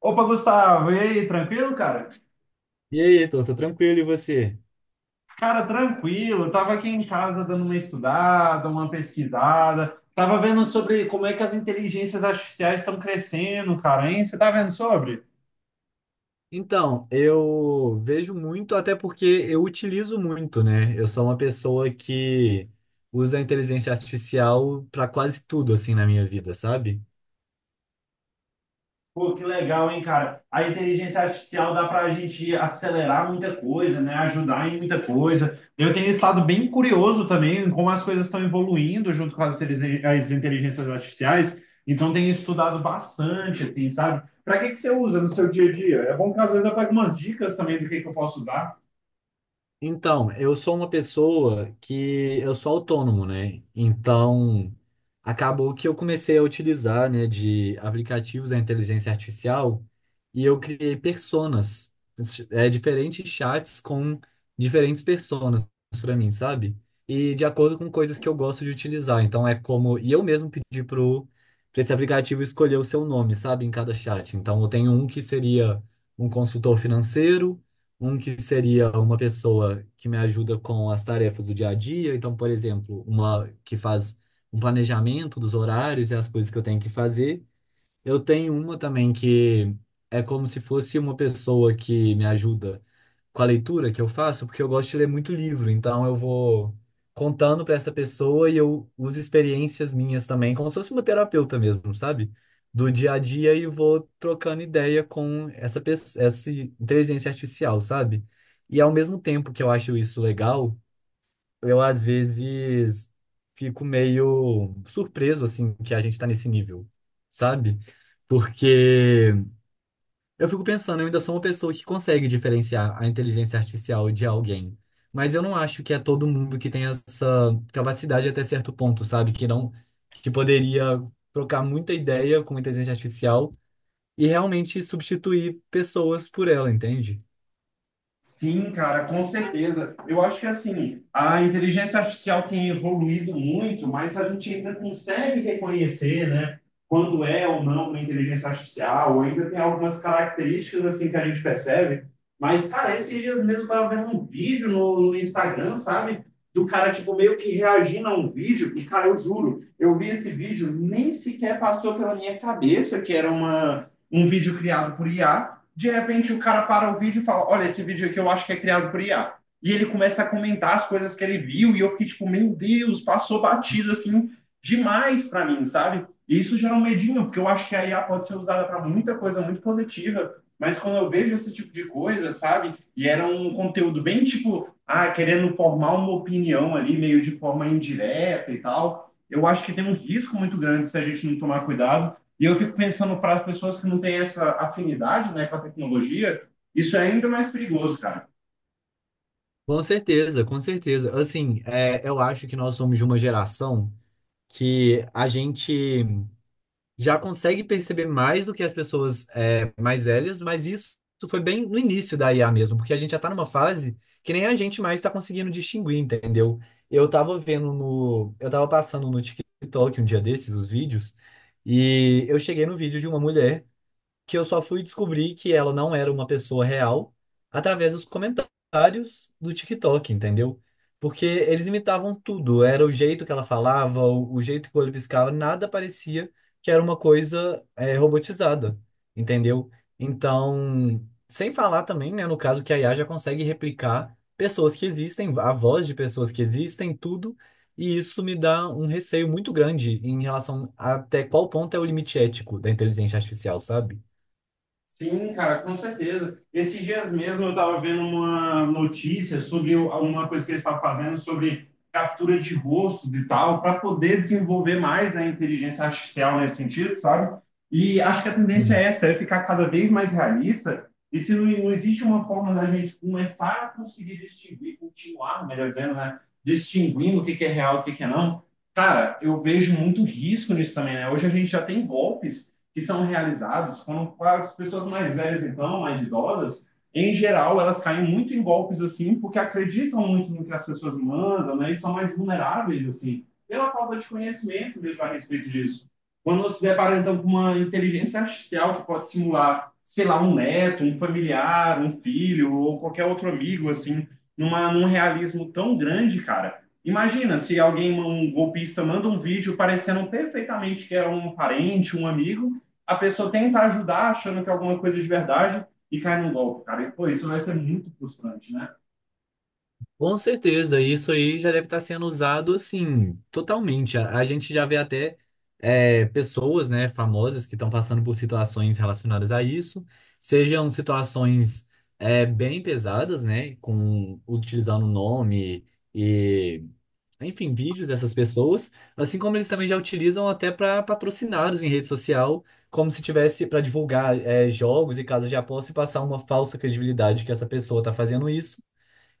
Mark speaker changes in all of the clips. Speaker 1: Opa, Gustavo, e aí, tranquilo, cara?
Speaker 2: E aí, Heitor, tô tranquilo e você?
Speaker 1: Cara, tranquilo, eu tava aqui em casa dando uma estudada, uma pesquisada, tava vendo sobre como é que as inteligências artificiais estão crescendo, cara, hein? Você tá vendo sobre?
Speaker 2: Então, eu vejo muito, até porque eu utilizo muito, né? Eu sou uma pessoa que usa a inteligência artificial para quase tudo, assim, na minha vida, sabe?
Speaker 1: Pô, que legal, hein, cara? A inteligência artificial dá para a gente acelerar muita coisa, né? Ajudar em muita coisa. Eu tenho estado bem curioso também em como as coisas estão evoluindo junto com as inteligências artificiais. Então, tenho estudado bastante, assim, sabe? Para que que você usa no seu dia a dia? É bom que às vezes eu pegue umas dicas também do que eu posso usar.
Speaker 2: Então, eu sou uma pessoa que eu sou autônomo, né? Então, acabou que eu comecei a utilizar, né, de aplicativos da inteligência artificial e eu criei personas, diferentes chats com diferentes personas para mim, sabe? E de acordo com coisas que eu gosto de utilizar. Então, é como. E eu mesmo pedi pra esse aplicativo escolher o seu nome, sabe, em cada chat. Então, eu tenho um que seria um consultor financeiro, um que seria uma pessoa que me ajuda com as tarefas do dia a dia, então, por exemplo, uma que faz um planejamento dos horários e as coisas que eu tenho que fazer. Eu tenho uma também que é como se fosse uma pessoa que me ajuda com a leitura que eu faço, porque eu gosto de ler muito livro, então eu vou contando para essa pessoa e eu uso experiências minhas também, como se fosse uma terapeuta mesmo, sabe? Do dia a dia e vou trocando ideia com essa pessoa, essa inteligência artificial, sabe? E ao mesmo tempo que eu acho isso legal, eu às vezes fico meio surpreso, assim, que a gente tá nesse nível, sabe? Porque eu fico pensando, eu ainda sou uma pessoa que consegue diferenciar a inteligência artificial de alguém. Mas eu não acho que é todo mundo que tem essa capacidade até certo ponto, sabe? Que não, que poderia trocar muita ideia com inteligência artificial e realmente substituir pessoas por ela, entende?
Speaker 1: Sim, cara, com certeza. Eu acho que assim, a inteligência artificial tem evoluído muito, mas a gente ainda consegue reconhecer, né, quando é ou não uma inteligência artificial, ou ainda tem algumas características assim que a gente percebe. Mas, cara, esses dias mesmo eu tava vendo um vídeo no Instagram, sabe? Do cara, tipo, meio que reagindo a um vídeo, e, cara, eu juro, eu vi esse vídeo, nem sequer passou pela minha cabeça que era um vídeo criado por IA. De repente o cara para o vídeo e fala: Olha, esse vídeo aqui eu acho que é criado por IA. E ele começa a comentar as coisas que ele viu, e eu fiquei tipo, meu Deus, passou batido assim demais para mim, sabe? E isso gera um medinho, porque eu acho que a IA pode ser usada para muita coisa muito positiva, mas quando eu vejo esse tipo de coisa, sabe? E era um conteúdo bem tipo, ah, querendo formar uma opinião ali, meio de forma indireta e tal, eu acho que tem um risco muito grande se a gente não tomar cuidado e eu fico pensando para as pessoas que não têm essa afinidade, né, com a tecnologia, isso é ainda mais perigoso, cara.
Speaker 2: Com certeza, com certeza. Assim, é, eu acho que nós somos de uma geração que a gente já consegue perceber mais do que as pessoas mais velhas, mas isso foi bem no início da IA mesmo, porque a gente já está numa fase que nem a gente mais está conseguindo distinguir, entendeu? Eu estava passando no TikTok um dia desses, os vídeos, e eu cheguei no vídeo de uma mulher que eu só fui descobrir que ela não era uma pessoa real através dos comentários do TikTok, entendeu? Porque eles imitavam tudo, era o jeito que ela falava, o jeito que o olho piscava, nada parecia que era uma coisa robotizada, entendeu? Então, sem falar também, né, no caso que a IA já consegue replicar pessoas que existem, a voz de pessoas que existem, tudo, e isso me dá um receio muito grande em relação a até qual ponto é o limite ético da inteligência artificial, sabe?
Speaker 1: Sim, cara, com certeza. Esses dias mesmo eu estava vendo uma notícia sobre uma coisa que eles estavam fazendo sobre captura de rostos e tal, para poder desenvolver mais a inteligência artificial nesse sentido, sabe? E acho que a tendência é
Speaker 2: Hum.
Speaker 1: essa, é ficar cada vez mais realista. E se não, não existe uma forma da gente começar a conseguir distinguir, continuar, melhor dizendo, né? Distinguindo o que que é real e o que que é não, cara, eu vejo muito risco nisso também, né? Hoje a gente já tem golpes que são realizados quando para as pessoas mais velhas, então, mais idosas, em geral, elas caem muito em golpes assim, porque acreditam muito no que as pessoas mandam, né? E são mais vulneráveis, assim, pela falta de conhecimento mesmo a respeito disso. Quando nós se depara, então, com uma inteligência artificial que pode simular, sei lá, um neto, um familiar, um filho ou qualquer outro amigo, assim, num realismo tão grande, cara. Imagina se alguém, um golpista, manda um vídeo parecendo perfeitamente que é um parente, um amigo, a pessoa tenta ajudar achando que é alguma coisa de verdade e cai num golpe, cara. E, pô, isso vai ser muito frustrante, né?
Speaker 2: Com certeza, isso aí já deve estar sendo usado assim, totalmente. A gente já vê até pessoas, né, famosas que estão passando por situações relacionadas a isso, sejam situações bem pesadas, né, com utilizando nome e, enfim, vídeos dessas pessoas, assim como eles também já utilizam até para patrocinados em rede social, como se tivesse para divulgar jogos e casas de aposta e passar uma falsa credibilidade que essa pessoa está fazendo isso,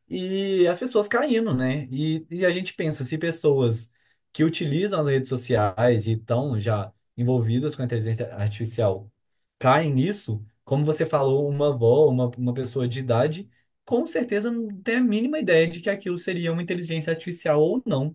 Speaker 2: e as pessoas caindo, né? E a gente pensa, se pessoas que utilizam as redes sociais e estão já envolvidas com a inteligência artificial caem nisso, como você falou, uma avó, uma pessoa de idade, com certeza não tem a mínima ideia de que aquilo seria uma inteligência artificial ou não.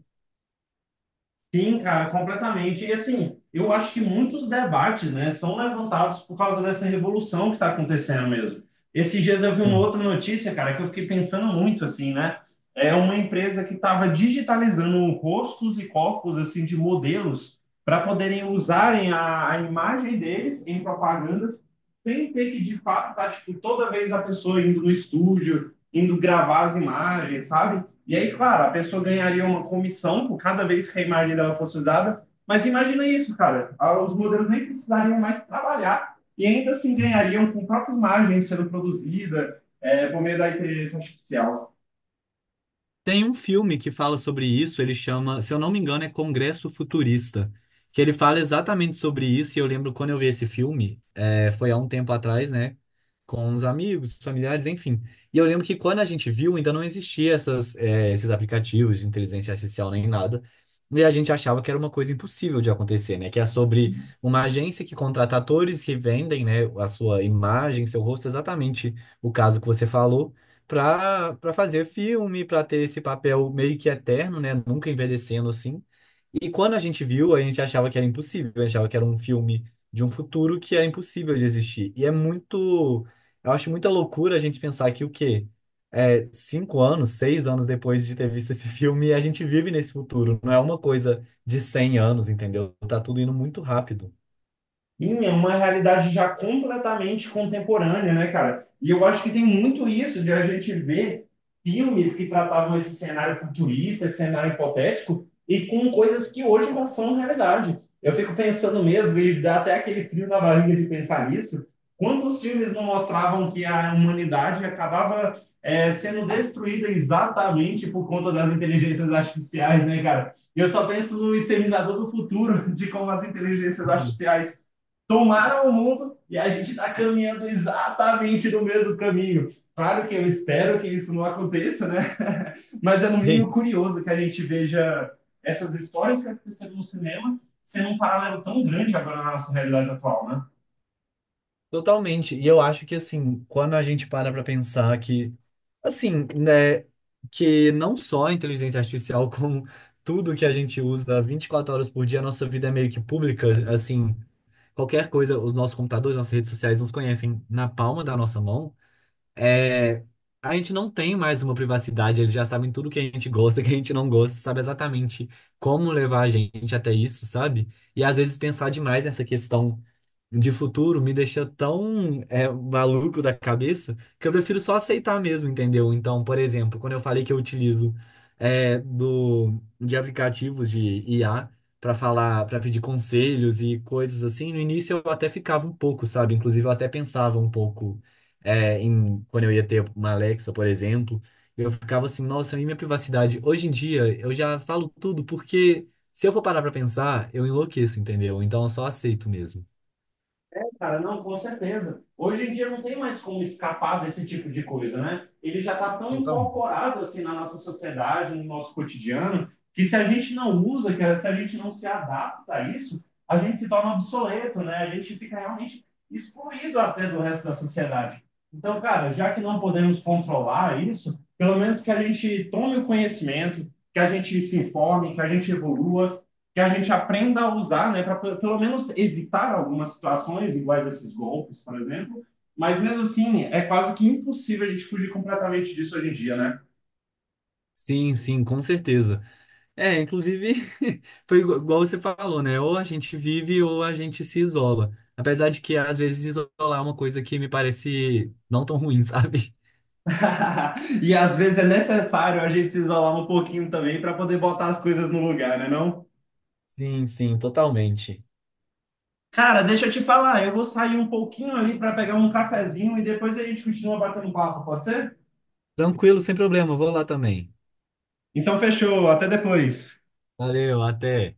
Speaker 1: Sim, cara, completamente. E assim, eu acho que muitos debates, né, são levantados por causa dessa revolução que está acontecendo mesmo. Esses dias eu vi uma
Speaker 2: Sim.
Speaker 1: outra notícia, cara, que eu fiquei pensando muito, assim, né? É uma empresa que estava digitalizando rostos e corpos, assim, de modelos para poderem usarem a imagem deles em propagandas sem ter que, de fato, tá, tipo, toda vez a pessoa indo no estúdio, indo gravar as imagens, sabe? E aí, claro, a pessoa ganharia uma comissão por cada vez que a imagem dela fosse usada. Mas imagina isso, cara. Os modelos nem precisariam mais trabalhar e ainda assim ganhariam com a própria imagem sendo produzida por meio da inteligência artificial.
Speaker 2: Tem um filme que fala sobre isso, ele chama, se eu não me engano, é Congresso Futurista, que ele fala exatamente sobre isso, e eu lembro quando eu vi esse filme, foi há um tempo atrás, né, com os amigos, familiares, enfim. E eu lembro que quando a gente viu, ainda não existia essas, esses aplicativos de inteligência artificial nem nada, e a gente achava que era uma coisa impossível de acontecer, né, que é sobre uma agência que contrata atores que vendem, né, a sua imagem, seu rosto, exatamente o caso que você falou, para fazer filme, para ter esse papel meio que eterno, né? Nunca envelhecendo assim. E quando a gente viu, a gente achava que era impossível, a gente achava que era um filme de um futuro que era impossível de existir. E é muito, eu acho muita loucura a gente pensar que o quê? É, 5 anos, 6 anos depois de ter visto esse filme, a gente vive nesse futuro. Não é uma coisa de 100 anos, entendeu? Tá tudo indo muito rápido.
Speaker 1: Sim, é uma realidade já completamente contemporânea, né, cara? E eu acho que tem muito isso de a gente ver filmes que tratavam esse cenário futurista, esse cenário hipotético, e com coisas que hoje já são realidade. Eu fico pensando mesmo, e dá até aquele frio na barriga de pensar nisso, quantos filmes não mostravam que a humanidade acabava, sendo destruída exatamente por conta das inteligências artificiais, né, cara? Eu só penso no Exterminador do Futuro, de como as inteligências artificiais tomaram o mundo e a gente está caminhando exatamente no mesmo caminho. Claro que eu espero que isso não aconteça, né? Mas é no mínimo
Speaker 2: Sim.
Speaker 1: curioso que a gente veja essas histórias que aconteceram no cinema sendo um paralelo tão grande agora na nossa realidade atual, né?
Speaker 2: Totalmente. E eu acho que assim, quando a gente para pensar que assim, né, que não só a inteligência artificial, como tudo que a gente usa 24 horas por dia, a nossa vida é meio que pública, assim, qualquer coisa, os nossos computadores, nossas redes sociais nos conhecem na palma da nossa mão. É, a gente não tem mais uma privacidade, eles já sabem tudo que a gente gosta, que a gente não gosta, sabe exatamente como levar a gente até isso, sabe? E às vezes pensar demais nessa questão de futuro me deixa tão maluco da cabeça que eu prefiro só aceitar mesmo, entendeu? Então, por exemplo, quando eu falei que eu utilizo de aplicativos de IA para falar, para pedir conselhos e coisas assim, no início eu até ficava um pouco, sabe? Inclusive, eu até pensava um pouco em quando eu ia ter uma Alexa, por exemplo. Eu ficava assim, nossa, e minha privacidade? Hoje em dia, eu já falo tudo, porque se eu for parar para pensar, eu enlouqueço, entendeu? Então, eu só aceito mesmo.
Speaker 1: É, cara, não, com certeza. Hoje em dia não tem mais como escapar desse tipo de coisa, né? Ele já está tão
Speaker 2: Totalmente.
Speaker 1: incorporado assim na nossa sociedade, no nosso cotidiano, que se a gente não usa, cara, se a gente não se adapta a isso, a gente se torna obsoleto, né? A gente fica realmente excluído até do resto da sociedade. Então, cara, já que não podemos controlar isso, pelo menos que a gente tome o conhecimento, que a gente se informe, que a gente evolua, que a gente aprenda a usar, né, para pelo menos evitar algumas situações iguais a esses golpes, por exemplo. Mas mesmo assim, é quase que impossível a gente fugir completamente disso hoje em dia, né?
Speaker 2: Sim, sim, com certeza. É, inclusive, foi igual você falou, né? Ou a gente vive ou a gente se isola. Apesar de que, às vezes, isolar é uma coisa que me parece não tão ruim, sabe?
Speaker 1: E às vezes é necessário a gente se isolar um pouquinho também para poder botar as coisas no lugar, né, não?
Speaker 2: Sim, sim, totalmente.
Speaker 1: Cara, deixa eu te falar, eu vou sair um pouquinho ali para pegar um cafezinho e depois a gente continua batendo papo, pode ser?
Speaker 2: Tranquilo, sem problema, vou lá também.
Speaker 1: Então fechou, até depois.
Speaker 2: Valeu, até.